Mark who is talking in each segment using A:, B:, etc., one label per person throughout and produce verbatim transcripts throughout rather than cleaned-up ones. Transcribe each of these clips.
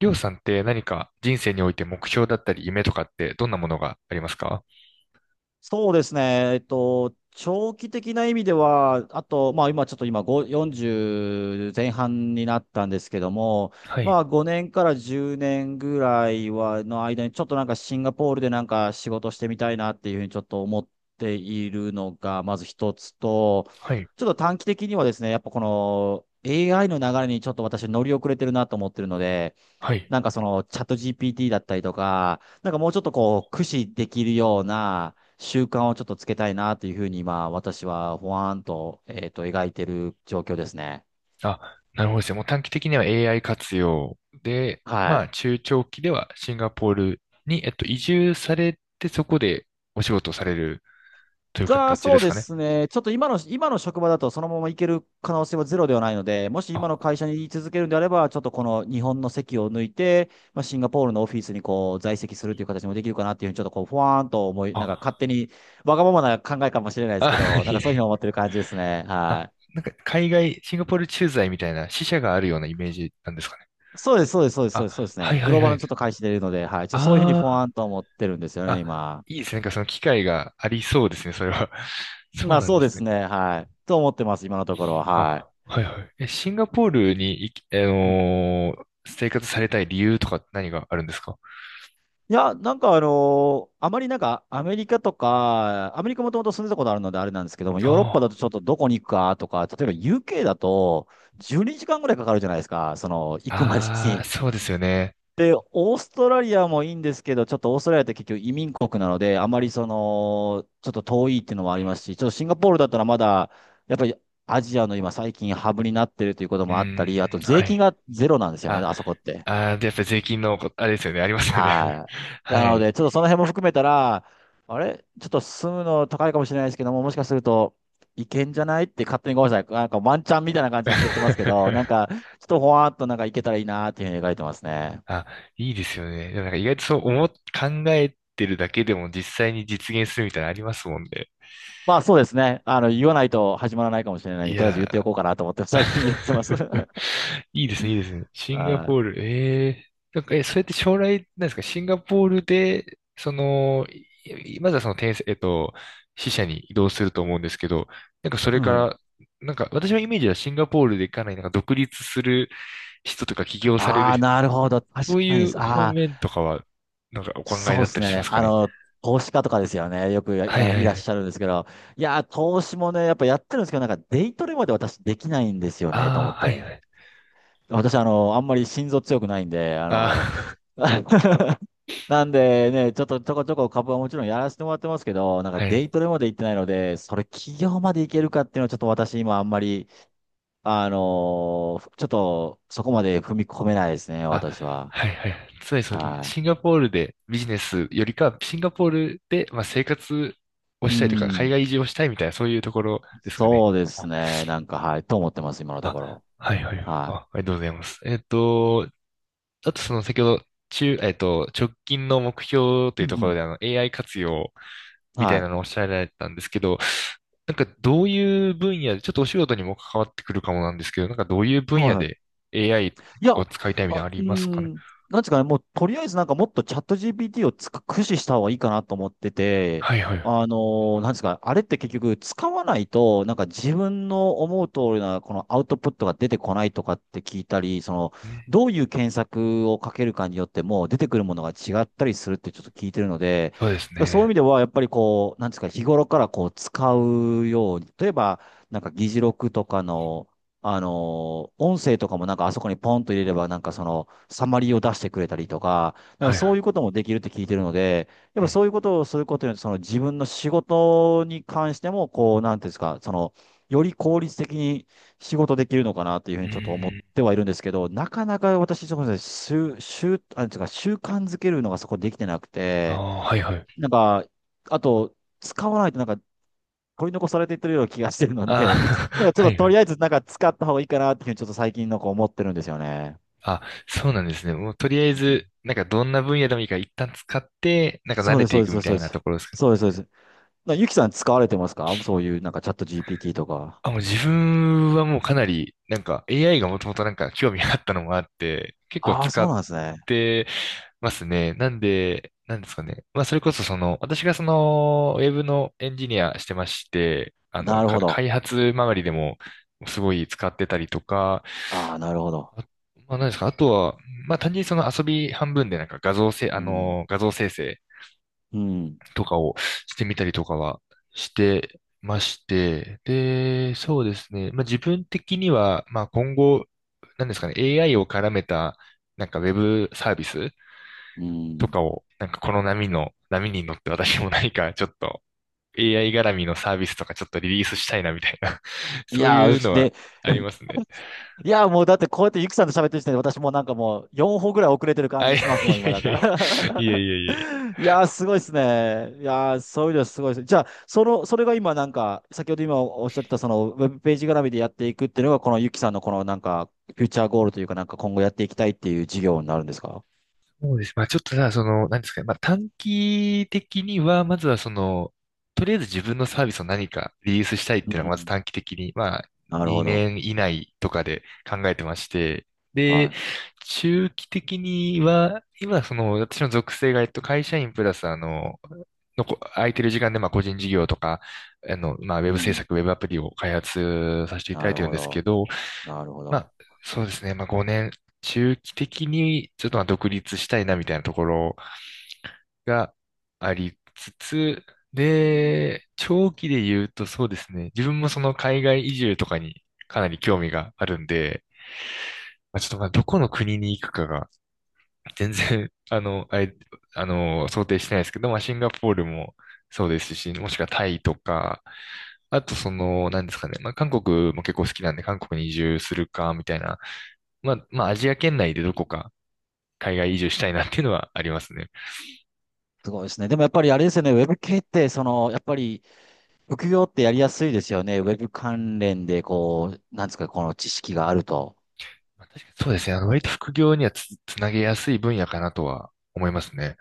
A: りょうさんって何か人生において目標だったり夢とかってどんなものがありますか？
B: そうですね。えっと、長期的な意味では、あと、まあ今ちょっと今ご よんじゅう前半になったんですけども、
A: はい、
B: まあごねんからじゅうねんぐらいは、の間にちょっとなんかシンガポールでなんか仕事してみたいなっていうふうにちょっと思っているのが、まず一つと、
A: はい、
B: ちょっと短期的にはですね、やっぱこの エーアイ の流れにちょっと私乗り遅れてるなと思ってるので、
A: はい。
B: なんかそのチャット ジーピーティー だったりとか、なんかもうちょっとこう、駆使できるような習慣をちょっとつけたいなというふうに今、私はほわーんと、えっと、描いてる状況ですね。
A: あ、なるほどですね。もう短期的には エーアイ 活用で、
B: は
A: ま
B: い。
A: あ中長期ではシンガポールに、えっと、移住されてそこでお仕事をされるという
B: が、
A: 形
B: そ
A: で
B: う
A: す
B: で
A: かね。
B: すね。ちょっと今の、今の職場だとそのまま行ける可能性はゼロではないので、もし
A: あ、
B: 今の会社に居続けるんであれば、ちょっとこの日本の席を抜いて、まあ、シンガポールのオフィスにこう在籍するという形もできるかなっていうふうに、ちょっとこう、ふわーんと思い、なんか勝
A: あ、
B: 手にわがままな考えかもしれないですけ
A: あ、
B: ど、なん
A: い
B: か
A: え。
B: そういうふうに思ってる感じですね。
A: あ、
B: は
A: なんか海外、シンガポール駐在みたいな支社があるようなイメージなんですかね。
B: そうです、そうです、そうです、そうですそうで
A: あ、
B: す
A: は
B: ね。
A: いは
B: グ
A: い
B: ローバ
A: は
B: ルの
A: い。
B: ちょっと開始でいるので、はい。ちょっとそういうふうにフォ
A: あ
B: ワンと思ってるんですよね、
A: あ、
B: 今。
A: いいですね。なんかその機会がありそうですね、それは。そ
B: ま
A: う
B: あ
A: なん
B: そ
A: で
B: うで
A: す
B: す
A: ね。
B: ね、はい。と思ってます、今のところは、はい。
A: あ、はいはい。え、シンガポールに行き、あ
B: うん、
A: のー生活されたい理由とか何があるんですか？
B: いや、なんかあのーあまりなんかアメリカとか、アメリカもともと住んでたことあるのであれなんですけども、ヨーロッパ
A: あ
B: だとちょっとどこに行くかとか、例えば ユーケー だとじゅうにじかんぐらいかかるじゃないですか、その行くまで
A: あ、あー
B: に。
A: そうですよね。
B: で、オーストラリアもいいんですけど、ちょっとオーストラリアって結局移民国なので、あまりその、ちょっと遠いっていうのもありますし、ちょっとシンガポールだったらまだ、やっぱりアジアの今最近ハブになってるということ
A: うー
B: もあった
A: ん、
B: り、あと
A: は
B: 税金
A: い。
B: がゼロなんですよね、
A: あ、
B: あそこって。
A: あー、で、やっぱり税金のこ、あれですよね、ありますよね。
B: は い。な
A: は
B: の
A: い。
B: で、ちょっとその辺も含めたら、あれちょっと住むの高いかもしれないですけども、もしかすると、いけんじゃないって勝手にごめんなさい。なんかワンチャンみたいな感じで言ってますけど、なん か、ちょっとほわーっとなんかいけたらいいなーっていうふうに描いてますね。
A: あ、いいですよね。でもなんか意外とそう
B: うん、
A: 思っ、考えてるだけでも実際に実現するみたいなのありますもんね。
B: まあそうですね。あの、言わないと始まらないかもしれないん
A: い
B: で、とりあえず言ってお
A: や
B: こうかなと思って 最近言ってます。
A: いいですね、いいですね。シンガ
B: は
A: ポー
B: い。
A: ル、ええなんか、え、それって将来、なんですか、シンガポールで、その、いいまずはその転生、えっと、支社に移動すると思うんですけど、なんかそれか
B: はい。
A: ら、なんか私のイメージはシンガポールでかなりなんか独立する人とか起業され
B: あ
A: る
B: あ、
A: 人と
B: なる
A: か、
B: ほど。
A: そ
B: 確
A: う
B: か
A: い
B: に。
A: う方
B: ああ、
A: 面とかは、なんかお考え
B: そ
A: だ
B: うで
A: った
B: す
A: りしま
B: ね。
A: すか
B: あ
A: ね。
B: の、投資家とかですよね。よくや
A: はい
B: や
A: は
B: い
A: い
B: らっ
A: はい。
B: しゃるんですけど。いやー、投資もね、やっぱやってるんですけど、なんかデイトレまで私できないんですよね、と思
A: あ
B: っ
A: あ、はいは
B: て。
A: い。
B: 私、あの、あんまり心臓強くないんで、あの、
A: あ
B: なんでね、ちょっとちょこちょこ株はもちろんやらせてもらってますけど、なん
A: あ、
B: か
A: は
B: デ
A: い。
B: イトレまで行ってないので、それ企業まで行けるかっていうのはちょっと私今あんまり、あのーちょっとそこまで踏み込めないですね、
A: あ、
B: 私は。
A: はいはい。つまりその、
B: は
A: シンガポールでビジネスよりかは、シンガポールで、まあ、生活を
B: い。う
A: したいとか、海
B: ん。
A: 外移住をしたいみたいな、そういうところですかね。
B: そうですね。なんか、はい。と思ってます、今のとこ
A: あ、
B: ろ。
A: はいはい。あ、
B: は
A: ありがとうございます。えっと、あとその先ほど、中、えっと、直近の目標と
B: い。う
A: いうと
B: ん
A: ころで、あ
B: う
A: の、エーアイ 活用
B: ん。
A: みた
B: は
A: い
B: い。
A: なのをおっしゃられたんですけど、なんかどういう分野で、ちょっとお仕事にも関わってくるかもなんですけど、なんかどういう分
B: は
A: 野
B: い、
A: で エーアイ
B: いや、
A: を使いたいみ
B: あ、
A: たいな
B: う
A: のあ
B: ー
A: りますかね？
B: ん、なんですかね、もうとりあえずなんかもっとチャット ジーピーティー をつく駆使した方がいいかなと思ってて、
A: はいはい。う
B: あのーなんですか、あれって結局使わないと、なんか自分の思う通りなこのアウトプットが出てこないとかって聞いたり、その、
A: ー
B: どういう検索をかけるかによっても出てくるものが違ったりするってちょっと聞いてるので、
A: そうです
B: そういう意
A: ね。
B: 味では、やっぱりこう、なんですか、日頃からこう使うように、例えば、なんか議事録とかの、あの、音声とかもなんかあそこにポンと入れればなんかそのサマリーを出してくれたりとか、なん
A: は
B: か
A: いは
B: そうい
A: い。
B: うこともできるって聞いてるので、やっぱそういうことをすることによってその自分の仕事に関してもこう、なんていうんですか、その、より効率的に仕事できるのかなというふう
A: うん。
B: に
A: う
B: ちょっと思っ
A: ーん。
B: てはいるんですけど、なかなか私、そこで習、習、なんていうか習慣づけるのがそこできてなく
A: あ
B: て、
A: あ、はいはい。
B: なんか、あと、使わないとなんか取り残されていってるような気がしてるの
A: あ
B: で、なんか
A: あ、
B: ちょ
A: は
B: っと
A: いは
B: と
A: い。
B: りあえずなんか使った方がいいかなっていうふうにちょっと最近のん思ってるんですよね。
A: あ、そうなんですね。もうとりあえ
B: うん、
A: ず、なんかどんな分野でもいいから一旦使って、なんか慣
B: そう
A: れ
B: です、
A: て
B: そう
A: い
B: で
A: く
B: す、
A: みた
B: そう
A: い
B: で
A: なと
B: す。
A: ころですか？
B: そうです、そうです。そうですなゆきさん使われてますかそういうなんかチャット ジーピーティー とか。
A: あ、もう自分はもうかなり、なんか エーアイ がもともとなんか興味があったのもあって、結構
B: ああ、
A: 使
B: そう
A: っ
B: なんですね。
A: てますね。なんで、なんですかね。まあそれこそその、私がその、ウェブのエンジニアしてまして、あの、
B: なる
A: か
B: ほど。
A: 開発周りでもすごい使ってたりとか、
B: ああ、なるほど。
A: あまあ、何ですか。あとは、まあ、単純にその遊び半分でなんか画像せ、
B: う
A: あ
B: ん。
A: の、画像生成
B: うん。
A: とかをしてみたりとかはしてまして、で、そうですね。まあ、自分的には、まあ、今後、何ですかね、エーアイ を絡めた、なんかウェブサービス
B: う
A: と
B: ん。
A: かを、なんかこの波の、波に乗って私も何か ちょっと エーアイ 絡みのサービスとかちょっとリリースしたいなみたいな、
B: い
A: そう
B: や
A: いう
B: ー、
A: のは
B: で、
A: ありますね。
B: いや、もうだってこうやってゆきさんと喋ってる時点で私もうなんかもうよんほ歩ぐらい遅れてる感
A: あ、い
B: じ
A: やい
B: しますもん、
A: や
B: 今だ
A: いや
B: か
A: いや、いや
B: ら。
A: いやいやいや
B: いやー、すごいですね。いやー、そういうのすごいです。じゃあ、その、それが今なんか、先ほど今おっしゃってたそのウェブページ絡みでやっていくっていうのが、このゆきさんのこのなんか、フューチャーゴールというかなんか今後やっていきたいっていう事業になるんですか？
A: そうです。まあちょっとさ、その、なんですかね。まあ短期的には、まずはその、とりあえず自分のサービスを何かリリースしたいっ
B: う
A: ていうのが、まず
B: ん。
A: 短期的に、まあ
B: なるほ
A: 2
B: ど。
A: 年以内とかで考えてまして、で、
B: は
A: 中期的には、今その、私の属性が、えっと、会社員プラス、あの、のこ、空いてる時間で、まあ個人事業とか、あの、まあウェ
B: い。
A: ブ
B: う
A: 制
B: ん。
A: 作、ウェブアプリを開発させていた
B: な
A: だい
B: る
A: てるん
B: ほ
A: ですけ
B: ど。
A: ど、
B: なるほ
A: ま
B: ど。
A: あ、そうですね。まあ、ごねん、中期的にちょっとまあ独立したいなみたいなところがありつつ、
B: うん。
A: で、長期で言うとそうですね。自分もその海外移住とかにかなり興味があるんで、まあ、ちょっとまあどこの国に行くかが全然、あの、あれ、あの、想定してないですけど、まあ、シンガポールもそうですし、もしくはタイとか、あとその、なんですかね、まあ、韓国も結構好きなんで、韓国に移住するか、みたいな、まあ、まあ、アジア圏内でどこか海外移住したいなっていうのはありますね。
B: すごいですね。でもやっぱりあれですよね、ウェブ系って、その、やっぱり、副業ってやりやすいですよね。ウェブ関連で、こう、なんですか、この知識があると。
A: まあ、確かにそうですね、あの、割と副業にはつ、つなげやすい分野かなとは思いますね。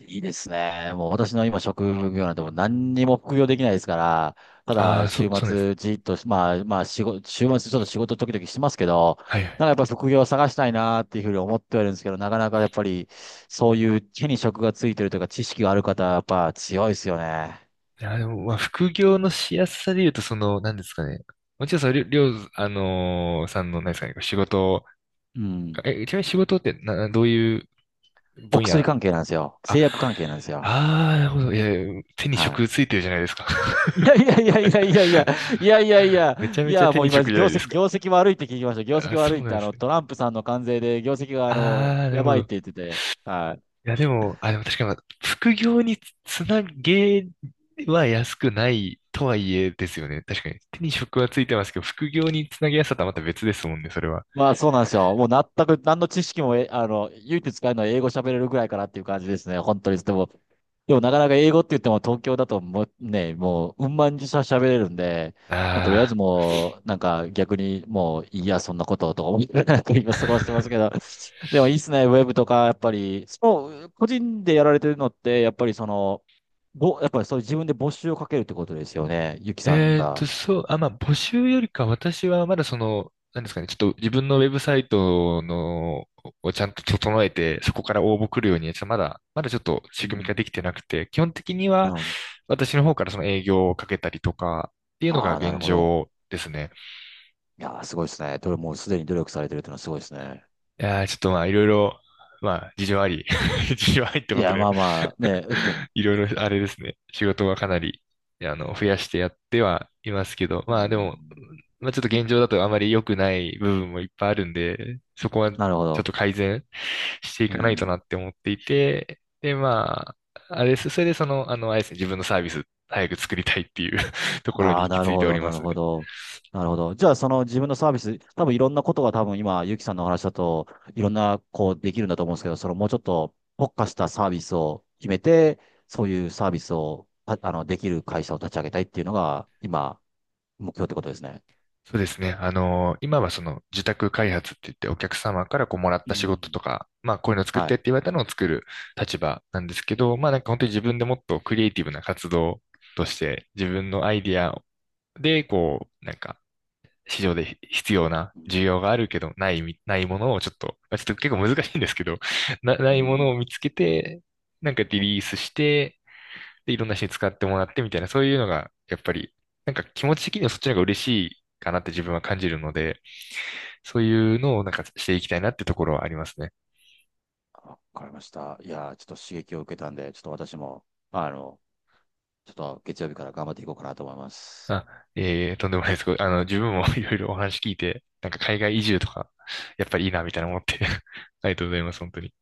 B: いいですね。もう私の今職業なんてもう何にも副業できないですから、た
A: あ
B: だ
A: あ、そ、
B: 週
A: そうですね。
B: 末じっと、まあまあ仕事、週末ちょっと仕事時々しますけど、
A: はいは
B: なんか
A: い。
B: やっぱ副業を探したいなっていうふうに思ってはいるんですけど、なかなかやっぱりそういう手に職がついてるというか知識がある方はやっぱ強いですよね。
A: いや、でも、まあ、副業のしやすさで言うと、その、なんですかね、もちろんそれ、りょう、あのーさんの、何ですかね、仕事
B: うん。
A: え、ちなみに仕事ってな、どういう
B: お
A: 分
B: 薬
A: 野？
B: 関係なんですよ。
A: あ、
B: 製薬関係なんですよ。
A: あー、なるほど。いや、手に
B: は
A: 職
B: い。
A: ついてるじゃないですか。
B: いやいやいやいやいやいや、い やいやい
A: めち
B: や、
A: ゃ
B: い
A: めちゃ
B: や、
A: 手
B: もう
A: に
B: 今、
A: 職じゃな
B: 業
A: いで
B: 績、
A: すか。
B: 業績悪いって聞きました。業
A: あ、
B: 績
A: そ
B: 悪い
A: う
B: っ
A: な
B: て、
A: ん
B: あ
A: です
B: の、
A: ね。
B: トランプさんの関税で業績が、あの、
A: あー、なる
B: や
A: ほ
B: ばいって
A: ど。
B: 言ってて、はい。
A: いや、でも、あ、でも確かに、まあ副業につなげは安くないとはいえですよね。確かに。手に職はついてますけど、副業につなげやすさとはまた別ですもんね、それは。
B: まあそうなんですよ。もう全く何の知識も、え、あの、唯一使えるのは英語喋れるぐらいかなっていう感じですね。本当に。でも、でもなかなか英語って言っても東京だともうね、もううんまんしゃ喋れるんで、もうとりあえず
A: あ
B: もうなんか逆にもういいや、そんなこととか思いながら今過ごしてますけ
A: ー。
B: ど、でもいいっすね、ウェブとかやっぱり、その個人でやられてるのって、やっぱりその、ぼ、やっぱりそういう自分で募集をかけるってことですよね、ゆきさん
A: えっと、
B: が。
A: そう、あ、まあ、募集よりか、私はまだその、なんですかね、ちょっと自分のウェブサイトの、をちゃんと整えて、そこから応募来るように、ちょっとまだ、まだちょっと
B: う
A: 仕組みがで
B: ん。
A: きてなくて、基本的に
B: な
A: は
B: るほど。
A: 私の方からその営業をかけたりとか、っていうのが
B: ああ、なる
A: 現
B: ほど。
A: 状ですね。
B: いやー、すごいですね。どれもうすでに努力されてるっていうのはすごいですね。
A: いやーちょっとまあ、いろいろ、まあ、事情あり、事情ありって
B: い
A: こと
B: や、
A: で、
B: まあまあ、ね、
A: いろいろ、あれですね。仕事はかなり、あの、増やしてやってはいますけど、
B: う
A: まあでも、
B: ん、
A: まあちょっと現状だとあまり良くない部分もいっぱいあるんで、そこはちょ
B: なるほ
A: っ
B: ど。
A: と改善してい
B: う
A: かないと
B: ん。
A: なって思っていて、で、まあ、あれです。それでその、あの、あれですね、自分のサービス早く作りたいっていう ところに
B: ああ、
A: 行き
B: なる
A: 着い
B: ほ
A: てお
B: ど、
A: り
B: な
A: ま
B: る
A: す
B: ほ
A: ね。
B: ど。なるほど。じゃあ、その自分のサービス、多分いろんなことが多分今、ゆきさんのお話だと、いろんな、こう、できるんだと思うんですけど、そのもうちょっと特化したサービスを決めて、そういうサービスを、たあの、できる会社を立ち上げたいっていうのが、今、目標ってことですね。
A: そうですね。あの、今はその自宅開発って言ってお客様からこうもらっ
B: う
A: た仕事
B: ん。
A: とか、まあこういうの作っ
B: は
A: てっ
B: い。
A: て言われたのを作る立場なんですけど、まあなんか本当に自分でもっとクリエイティブな活動として自分のアイディアでこうなんか市場で必要な需要があるけどないみ、ないものをちょっと、まあ、ちょっと結構難しいんですけど、な、な
B: う
A: いもの
B: ん、
A: を見つけて、なんかリリースして、で、いろんな人に使ってもらってみたいな、そういうのが、やっぱり、なんか気持ち的にはそっちの方が嬉しいかなって自分は感じるので、そういうのをなんかしていきたいなってところはありますね。
B: わかりました。いやー、ちょっと刺激を受けたんで、ちょっと私も、まあの、ちょっと月曜日から頑張っていこうかなと思います。
A: あ、ええとんでもないです。あの、自分も いろいろお話聞いて、なんか海外移住とか、やっぱりいいなみたいな思って ありがとうございます、本当に。